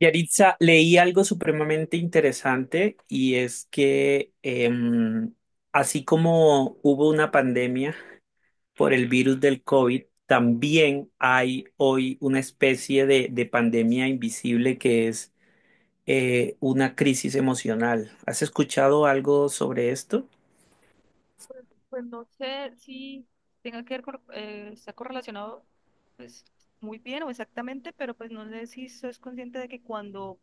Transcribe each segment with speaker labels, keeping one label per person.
Speaker 1: Yaritza, leí algo supremamente interesante y es que em, así como hubo una pandemia por el virus del COVID, también hay hoy una especie de pandemia invisible que es una crisis emocional. ¿Has escuchado algo sobre esto?
Speaker 2: Pues no sé si tenga que ver con, está correlacionado pues muy bien o exactamente, pero pues no sé si sos consciente de que cuando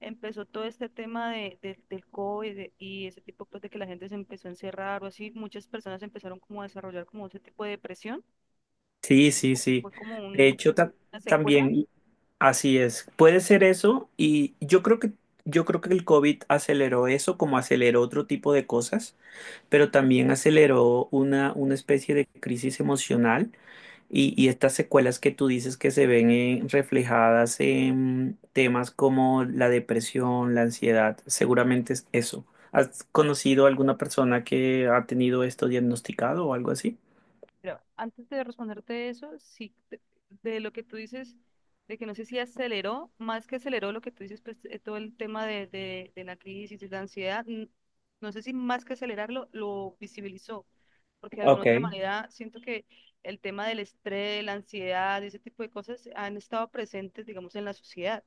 Speaker 2: empezó todo este tema del COVID y ese tipo pues de que la gente se empezó a encerrar o así, muchas personas empezaron como a desarrollar como ese tipo de depresión,
Speaker 1: Sí, sí, sí.
Speaker 2: fue como
Speaker 1: De hecho,
Speaker 2: una secuela.
Speaker 1: también así es. Puede ser eso y yo creo que el COVID aceleró eso como aceleró otro tipo de cosas. Pero también aceleró una especie de crisis emocional y estas secuelas que tú dices que se ven reflejadas en temas como la depresión, la ansiedad, seguramente es eso. ¿Has conocido alguna persona que ha tenido esto diagnosticado o algo así?
Speaker 2: Pero antes de responderte eso, sí, de lo que tú dices, de que no sé si aceleró, más que aceleró lo que tú dices, pues todo el tema de la crisis, de la ansiedad, no sé si más que acelerarlo, lo visibilizó, porque de alguna
Speaker 1: Ok,
Speaker 2: otra manera siento que el tema del estrés, la ansiedad, ese tipo de cosas han estado presentes, digamos, en la sociedad,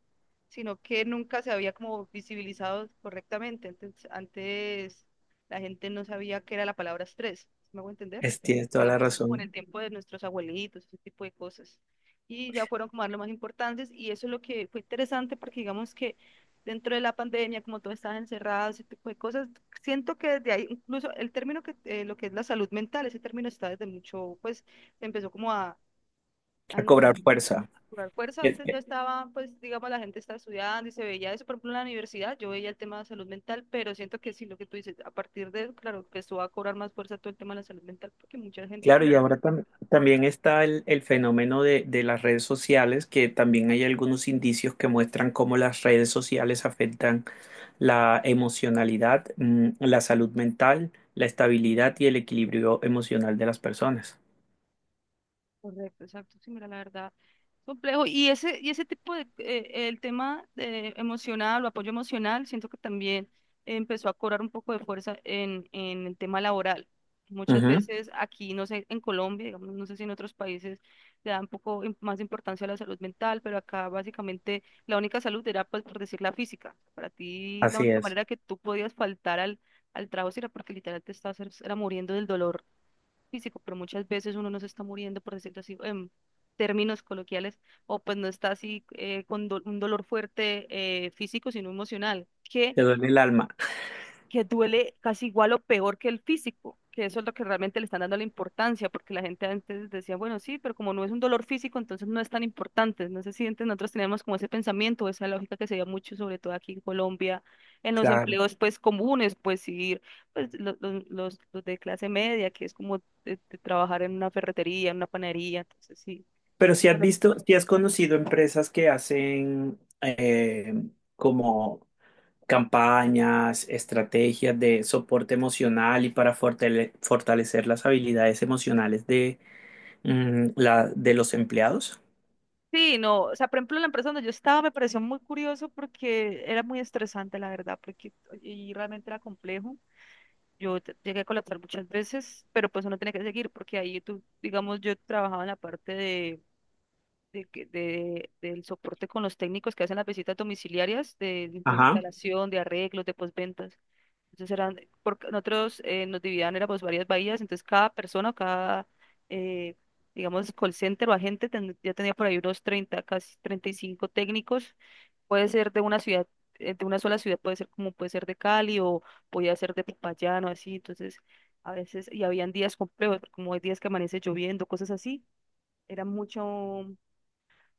Speaker 2: sino que nunca se había como visibilizado correctamente. Entonces, antes la gente no sabía qué era la palabra estrés. ¿Sí? ¿Me hago entender?
Speaker 1: tienes toda la
Speaker 2: Digamos, como en
Speaker 1: razón.
Speaker 2: el tiempo de nuestros abuelitos, ese tipo de cosas. Y ya fueron como a lo más importantes y eso es lo que fue interesante porque digamos que dentro de la pandemia, como todos estaban encerrados, ese tipo de cosas, siento que desde ahí, incluso el término que, lo que es la salud mental, ese término está desde mucho, pues se empezó como a
Speaker 1: A cobrar
Speaker 2: in-
Speaker 1: fuerza.
Speaker 2: a cobrar fuerza.
Speaker 1: Es
Speaker 2: Antes ya
Speaker 1: que-
Speaker 2: estaba, pues digamos, la gente estaba estudiando y se veía eso, por ejemplo, en la universidad, yo veía el tema de salud mental, pero siento que sí, lo que tú dices, a partir de, claro, empezó a cobrar más fuerza todo el tema de la salud mental, porque mucha gente se
Speaker 1: Claro, y
Speaker 2: enfermó.
Speaker 1: ahora también está el fenómeno de las redes sociales, que también hay algunos indicios que muestran cómo las redes sociales afectan la emocionalidad, mm, la salud mental, la estabilidad y el equilibrio emocional de las personas.
Speaker 2: Correcto, exacto, sí, mira, la verdad, complejo. Y ese tipo de, el tema de emocional o apoyo emocional, siento que también empezó a cobrar un poco de fuerza en el tema laboral. Muchas
Speaker 1: Ujú.
Speaker 2: veces aquí, no sé, en Colombia, digamos, no sé si en otros países le dan un poco más importancia a la salud mental, pero acá básicamente la única salud era, pues, por decir, la física. Para ti, la
Speaker 1: Así
Speaker 2: única
Speaker 1: es,
Speaker 2: manera que tú podías faltar al trabajo era porque literal te estabas, era muriendo del dolor físico, pero muchas veces uno no se está muriendo, por decirlo así, en términos coloquiales, o pues no está así con un dolor fuerte físico, sino emocional, que
Speaker 1: te duele el alma.
Speaker 2: que duele casi igual o peor que el físico, que eso es lo que realmente le están dando la importancia, porque la gente antes decía, bueno, sí, pero como no es un dolor físico, entonces no es tan importante. No sé si antes nosotros teníamos como ese pensamiento, esa lógica que se veía mucho, sobre todo aquí en Colombia, en los
Speaker 1: Claro.
Speaker 2: empleos pues comunes, pues pues los de clase media, que es como de trabajar en una ferretería, en una panadería, entonces sí.
Speaker 1: Pero si has
Speaker 2: Bueno,
Speaker 1: visto, si has conocido empresas que hacen como campañas, estrategias de soporte emocional y para fortalecer las habilidades emocionales de, mm, la, de los empleados.
Speaker 2: sí, no, o sea, por ejemplo, la empresa donde yo estaba me pareció muy curioso porque era muy estresante, la verdad, porque y realmente era complejo. Llegué a colocar muchas veces, pero pues uno tiene que seguir porque ahí tú, digamos, yo trabajaba en la parte del soporte con los técnicos que hacen las visitas domiciliarias de
Speaker 1: Ajá.
Speaker 2: instalación, de arreglos, de postventas. Entonces eran, porque nosotros nos dividían, éramos varias bahías, entonces cada persona, cada, eh, digamos, call center o agente ya tenía por ahí unos 30 casi 35 técnicos. Puede ser de una ciudad, de una sola ciudad, puede ser como puede ser de Cali o podía ser de Popayán o así. Entonces, a veces, y habían días complejos, como hay días que amanece lloviendo, cosas así. Era mucho,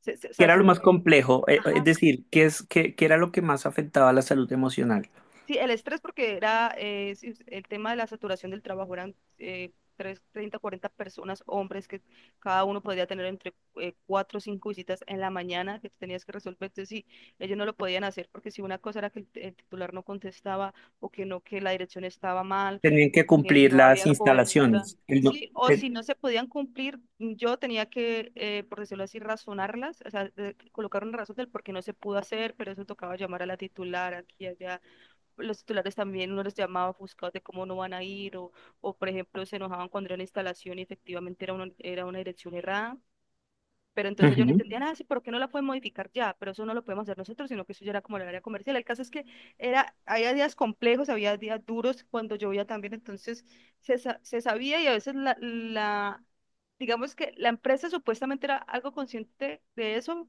Speaker 2: o
Speaker 1: ¿Qué
Speaker 2: sea,
Speaker 1: era lo más complejo? Es
Speaker 2: ajá.
Speaker 1: decir, ¿qué es, qué, qué era lo que más afectaba a la salud emocional?
Speaker 2: Sí, el estrés porque era sí, el tema de la saturación del trabajo, eran 30, 40 personas, hombres, que cada uno podría tener entre cuatro o cinco visitas en la mañana que tenías que resolver. Entonces, sí, ellos no lo podían hacer porque si una cosa era que el titular no contestaba o que no, que la dirección estaba mal
Speaker 1: Tenían
Speaker 2: o
Speaker 1: que
Speaker 2: que
Speaker 1: cumplir
Speaker 2: no
Speaker 1: las
Speaker 2: había cobertura.
Speaker 1: instalaciones. El no-
Speaker 2: Sí, o
Speaker 1: te-
Speaker 2: si no se podían cumplir, yo tenía que, por decirlo así, razonarlas, o sea, colocar una razón del por qué no se pudo hacer, pero eso tocaba llamar a la titular aquí y allá. Los titulares también uno los llamaba ofuscados de cómo no van a ir por ejemplo se enojaban cuando era una instalación y efectivamente era una dirección errada. Pero entonces yo no
Speaker 1: Ujú.
Speaker 2: entendía nada, sí, ¿por qué no la pueden modificar ya? Pero eso no lo podemos hacer nosotros, sino que eso ya era como el área comercial. El caso es que era, había días complejos, había días duros cuando llovía también, entonces se sabía y a veces digamos que la empresa supuestamente era algo consciente de eso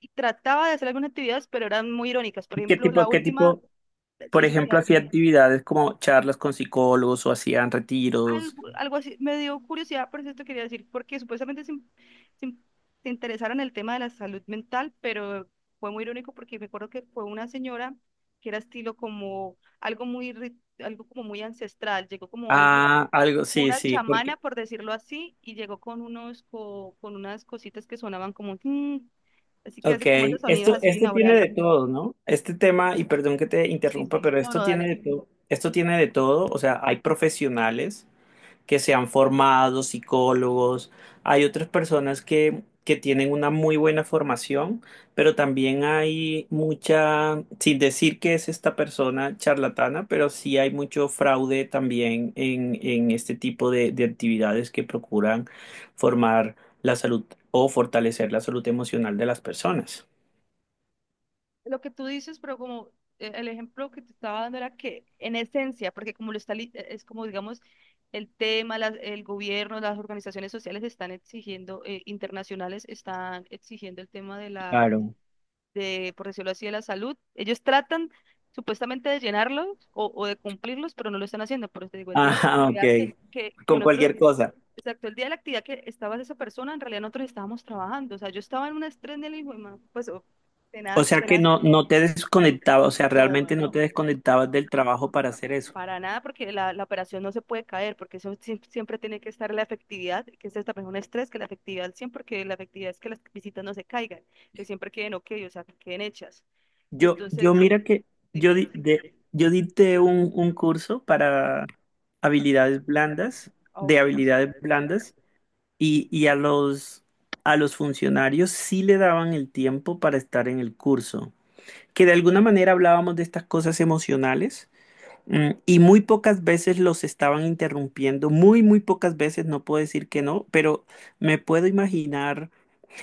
Speaker 2: y trataba de hacer algunas actividades, pero eran muy irónicas. Por
Speaker 1: ¿Y
Speaker 2: ejemplo, la
Speaker 1: qué
Speaker 2: última,
Speaker 1: tipo,
Speaker 2: sí,
Speaker 1: por
Speaker 2: eso te iba
Speaker 1: ejemplo,
Speaker 2: a
Speaker 1: hacía
Speaker 2: decir,
Speaker 1: actividades como charlas con psicólogos o hacían retiros?
Speaker 2: algo, algo así, me dio curiosidad, por eso te quería decir, porque supuestamente se, in- se interesaron en el tema de la salud mental, pero fue muy irónico porque me acuerdo que fue una señora que era estilo como algo muy, algo como muy ancestral, llegó como alguien,
Speaker 1: Ah, algo,
Speaker 2: como
Speaker 1: sí,
Speaker 2: una
Speaker 1: sí, porque,
Speaker 2: chamana, por decirlo así, y llegó con con unas cositas que sonaban como "tin", así que
Speaker 1: ok,
Speaker 2: hacen como estos sonidos
Speaker 1: esto,
Speaker 2: así
Speaker 1: esto tiene de
Speaker 2: binaurales.
Speaker 1: todo, ¿no? Este tema, y perdón que te
Speaker 2: Sí,
Speaker 1: interrumpa,
Speaker 2: sí,
Speaker 1: pero
Speaker 2: no,
Speaker 1: esto
Speaker 2: no,
Speaker 1: tiene
Speaker 2: dale.
Speaker 1: de todo, esto tiene de todo, o sea, hay profesionales que se han formado, psicólogos. Hay otras personas que tienen una muy buena formación, pero también hay mucha, sin decir que es esta persona charlatana, pero sí hay mucho fraude también en este tipo de actividades que procuran formar la salud o fortalecer la salud emocional de las personas.
Speaker 2: Lo que tú dices, pero como el ejemplo que te estaba dando era que en esencia, porque como lo está, es como digamos el tema, el gobierno, las organizaciones sociales están exigiendo, internacionales están exigiendo el tema de la,
Speaker 1: Claro.
Speaker 2: de, por decirlo así, de la salud. Ellos tratan supuestamente de llenarlos o de cumplirlos, pero no lo están haciendo. Por eso te digo, el día de la
Speaker 1: Ajá, ok.
Speaker 2: actividad que, que, que
Speaker 1: Con
Speaker 2: nosotros
Speaker 1: cualquier cosa.
Speaker 2: Exacto, el día de la actividad que estaba esa persona, en realidad nosotros estábamos trabajando. O sea, yo estaba en un estrés del hijo, pues, oh,
Speaker 1: O
Speaker 2: tenaz,
Speaker 1: sea que
Speaker 2: tenaz.
Speaker 1: no, no te desconectabas, o sea,
Speaker 2: No,
Speaker 1: realmente no te
Speaker 2: no,
Speaker 1: desconectabas del trabajo para hacer eso.
Speaker 2: para nada, porque la operación no se puede caer, porque eso siempre tiene que estar la efectividad, que es también un estrés, que la efectividad al 100, porque la efectividad es que las visitas no se caigan, que siempre queden ok, o sea, que queden hechas.
Speaker 1: Yo
Speaker 2: Entonces,
Speaker 1: mira que yo,
Speaker 2: dime,
Speaker 1: di- de-
Speaker 2: dime.
Speaker 1: yo dicté un curso para habilidades blandas,
Speaker 2: Ah,
Speaker 1: de
Speaker 2: ok.
Speaker 1: habilidades
Speaker 2: Exacto,
Speaker 1: blandas, y a los funcionarios sí le daban el tiempo para estar en el curso, que de alguna manera hablábamos de estas cosas emocionales. Mm, y muy pocas veces los estaban interrumpiendo, muy, muy pocas veces, no puedo decir que no, pero me puedo imaginar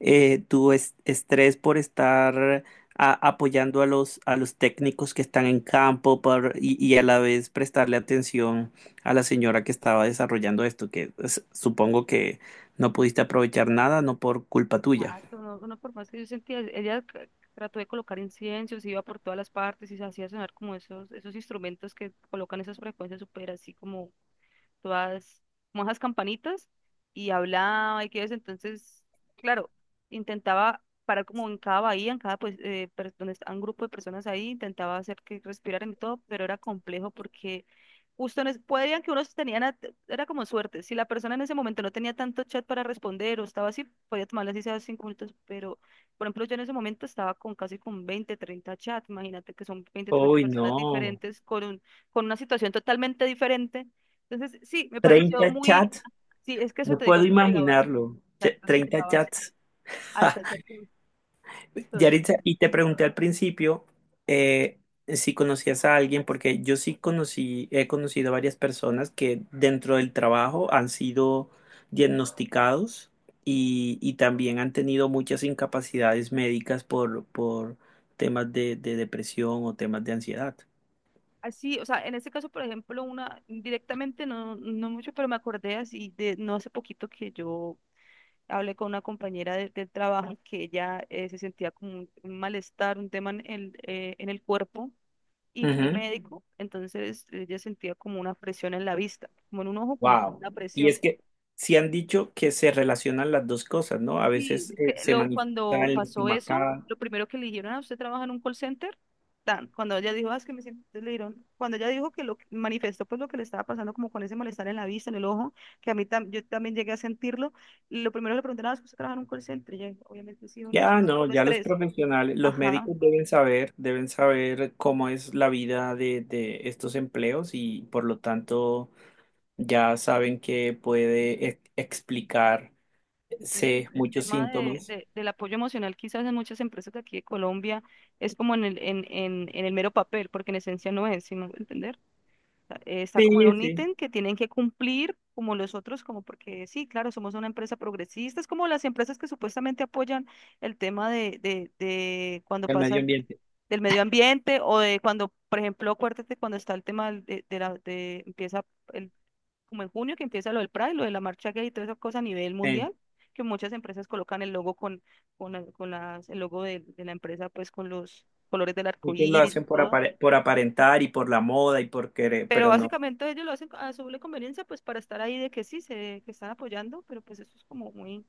Speaker 1: tu estrés por estar apoyando a los técnicos que están en campo y a la vez prestarle atención a la señora que estaba desarrollando esto, supongo que no pudiste aprovechar nada, no por culpa tuya.
Speaker 2: no, no, por más que yo sentía, ella trató de colocar inciensos, iba por todas las partes y se hacía sonar como esos instrumentos que colocan esas frecuencias súper así como todas como esas campanitas y hablaba y que eso. Entonces, claro, intentaba parar como en cada bahía, en cada, pues, donde está un grupo de personas ahí, intentaba hacer que respiraran y todo, pero era complejo porque ustedes podrían que unos tenían, era como suerte. Si la persona en ese momento no tenía tanto chat para responder o estaba así, podía tomarle así sea 5 minutos. Pero, por ejemplo, yo en ese momento estaba con casi con 20, 30 chats. Imagínate que son 20, 30
Speaker 1: Uy,
Speaker 2: personas
Speaker 1: no,
Speaker 2: diferentes con con una situación totalmente diferente. Entonces, sí, me pareció
Speaker 1: 30
Speaker 2: muy,
Speaker 1: chats,
Speaker 2: sí, es que eso
Speaker 1: no
Speaker 2: te digo,
Speaker 1: puedo
Speaker 2: si llegabas,
Speaker 1: imaginarlo,
Speaker 2: exacto, antes
Speaker 1: 30
Speaker 2: llegabas
Speaker 1: chats.
Speaker 2: hasta ese punto. Entonces,
Speaker 1: Yaritza, y te pregunté al principio eh, si conocías a alguien, porque yo sí conocí, he conocido varias personas que dentro del trabajo han sido diagnosticados y también han tenido muchas incapacidades médicas por temas de depresión o temas de ansiedad.
Speaker 2: así, o sea, en este caso, por ejemplo, una directamente no, no mucho, pero me acordé así de no hace poquito que yo hablé con una compañera del trabajo que ella se sentía como un malestar, un tema en el cuerpo y fue al
Speaker 1: Ujú.
Speaker 2: médico, entonces ella sentía como una presión en la vista, como en un ojo, como
Speaker 1: Wow.
Speaker 2: una
Speaker 1: Y
Speaker 2: presión.
Speaker 1: es que sí han dicho que se relacionan las dos cosas, ¿no? A
Speaker 2: Y
Speaker 1: veces
Speaker 2: es que
Speaker 1: se manifiesta
Speaker 2: cuando
Speaker 1: en la
Speaker 2: pasó eso,
Speaker 1: estomacada.
Speaker 2: lo primero que le dijeron: "Ah, ¿usted trabaja en un call center?" Tan, cuando ella dijo: "Ah, es que me siento", entonces le dijeron, cuando ella dijo que lo que manifestó, pues lo que le estaba pasando como con ese malestar en la vista, en el ojo, que a mí yo también llegué a sentirlo, y lo primero que le preguntaron: "Ah, ¿es que usted trabaja en un call center?" Y ella dijo, obviamente sí o no, eso
Speaker 1: Ya
Speaker 2: es
Speaker 1: no,
Speaker 2: por
Speaker 1: ya los
Speaker 2: estrés.
Speaker 1: profesionales, los
Speaker 2: Ajá.
Speaker 1: médicos deben saber cómo es la vida de estos empleos y por lo tanto ya saben que puede explicarse
Speaker 2: Entonces, el
Speaker 1: muchos
Speaker 2: tema
Speaker 1: síntomas.
Speaker 2: del apoyo emocional quizás en muchas empresas de aquí de Colombia es como en el mero papel, porque en esencia no es, sino entender. O sea, está como en
Speaker 1: Sí,
Speaker 2: un
Speaker 1: sí,
Speaker 2: ítem que tienen que cumplir como los otros, como porque sí, claro, somos una empresa progresista, es como las empresas que supuestamente apoyan el tema de cuando
Speaker 1: el
Speaker 2: pasa
Speaker 1: medio ambiente.
Speaker 2: del medio ambiente o de cuando, por ejemplo, acuérdate cuando está el tema del- de la, de empieza el como en junio que empieza lo del Pride, lo de la marcha gay y todas esas cosas a nivel
Speaker 1: Eh,
Speaker 2: mundial, que muchas empresas colocan el logo con las, el logo de la empresa pues con los colores del arco
Speaker 1: muchos lo
Speaker 2: iris
Speaker 1: hacen
Speaker 2: y
Speaker 1: por
Speaker 2: todo.
Speaker 1: por aparentar y por la moda y por querer,
Speaker 2: Pero
Speaker 1: pero no.
Speaker 2: básicamente ellos lo hacen a su doble conveniencia pues para estar ahí de que sí, que están apoyando, pero pues eso es como muy,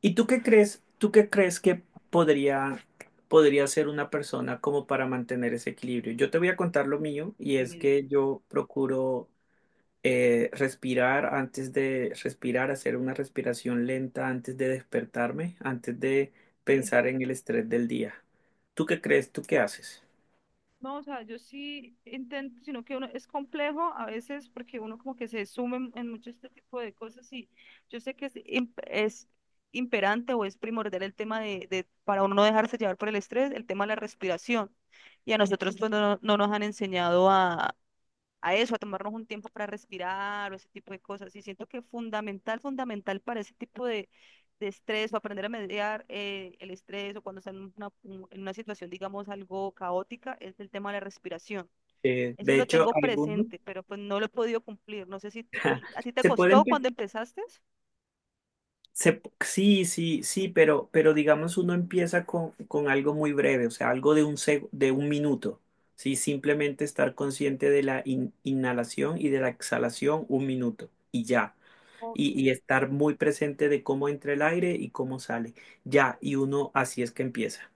Speaker 1: ¿Y tú qué crees? ¿Tú qué crees que podría podría ser una persona como para mantener ese equilibrio? Yo te voy a contar lo mío y es que yo procuro respirar antes de respirar, hacer una respiración lenta antes de despertarme, antes de
Speaker 2: eh,
Speaker 1: pensar en el estrés del día. ¿Tú qué crees? ¿Tú qué haces?
Speaker 2: no, o sea, yo sí intento, sino que uno es complejo a veces porque uno como que se sume en mucho este tipo de cosas y yo sé que es, es imperante o es primordial el tema para uno no dejarse llevar por el estrés, el tema de la respiración. Y a nosotros pues no, no nos han enseñado a eso, a tomarnos un tiempo para respirar o ese tipo de cosas. Y siento que fundamental, fundamental para ese tipo de estrés o aprender a mediar el estrés o cuando están en en una situación, digamos, algo caótica, es el tema de la respiración. Eso
Speaker 1: De
Speaker 2: lo
Speaker 1: hecho,
Speaker 2: tengo
Speaker 1: algunos
Speaker 2: presente, pero pues no lo he podido cumplir. No sé si a ti te
Speaker 1: se pueden,
Speaker 2: costó
Speaker 1: pe-
Speaker 2: cuando empezaste.
Speaker 1: se, sí, sí, sí, pero digamos uno empieza con algo muy breve, o sea, algo de un, de un minuto, ¿sí? Simplemente estar consciente de la inhalación y de la exhalación un minuto y ya.
Speaker 2: Ok.
Speaker 1: Y, y estar muy presente de cómo entra el aire y cómo sale. Ya, y uno así es que empieza.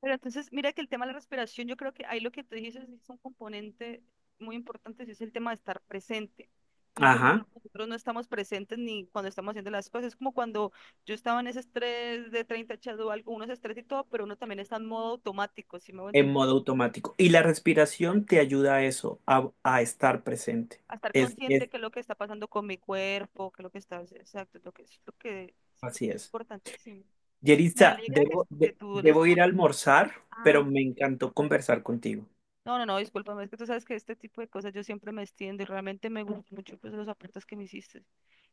Speaker 2: Pero entonces, mira que el tema de la respiración, yo creo que ahí lo que tú dices es un componente muy importante, sí es el tema de estar presente. Muchas veces
Speaker 1: Ajá,
Speaker 2: nosotros no estamos presentes ni cuando estamos haciendo las cosas. Es como cuando yo estaba en ese estrés de 30 echado algo, uno es estrés y todo, pero uno también está en modo automático, si me voy a
Speaker 1: en
Speaker 2: entender.
Speaker 1: modo automático. Y la respiración te ayuda a eso, a estar presente.
Speaker 2: A estar consciente
Speaker 1: Es,
Speaker 2: que es lo que está pasando con mi cuerpo, que es lo que está, exacto, es lo que es lo que
Speaker 1: así
Speaker 2: es
Speaker 1: es.
Speaker 2: importantísimo. Me
Speaker 1: Yeritza,
Speaker 2: alegra que, que tú les...
Speaker 1: debo ir a almorzar, pero
Speaker 2: Ah,
Speaker 1: me encantó conversar contigo.
Speaker 2: no, no, no, discúlpame, es que tú sabes que este tipo de cosas yo siempre me extiendo y realmente me gustó mucho pues los aportes que me hiciste.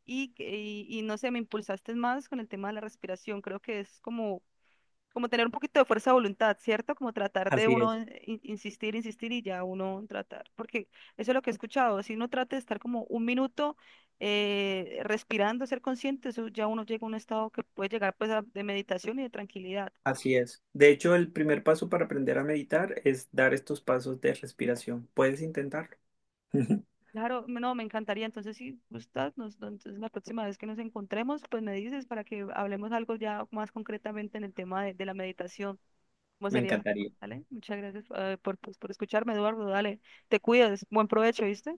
Speaker 2: Y no sé, me impulsaste más con el tema de la respiración. Creo que es como tener un poquito de fuerza de voluntad, ¿cierto? Como tratar de
Speaker 1: Así
Speaker 2: uno
Speaker 1: es.
Speaker 2: insistir, insistir y ya uno tratar. Porque eso es lo que he escuchado. Si uno trata de estar como un minuto respirando, ser consciente, eso ya uno llega a un estado que puede llegar pues de meditación y de tranquilidad.
Speaker 1: Así es. De hecho, el primer paso para aprender a meditar es dar estos pasos de respiración. ¿Puedes intentarlo?
Speaker 2: Claro, no, me encantaría. Entonces, si gustas, nos, no, entonces la próxima vez que nos encontremos, pues me dices para que hablemos algo ya más concretamente en el tema de la meditación. ¿Cómo
Speaker 1: Me
Speaker 2: sería el tema?
Speaker 1: encantaría.
Speaker 2: ¿Vale? Muchas gracias, por, pues, por escucharme, Eduardo. Dale, te cuidas. Buen provecho, ¿viste?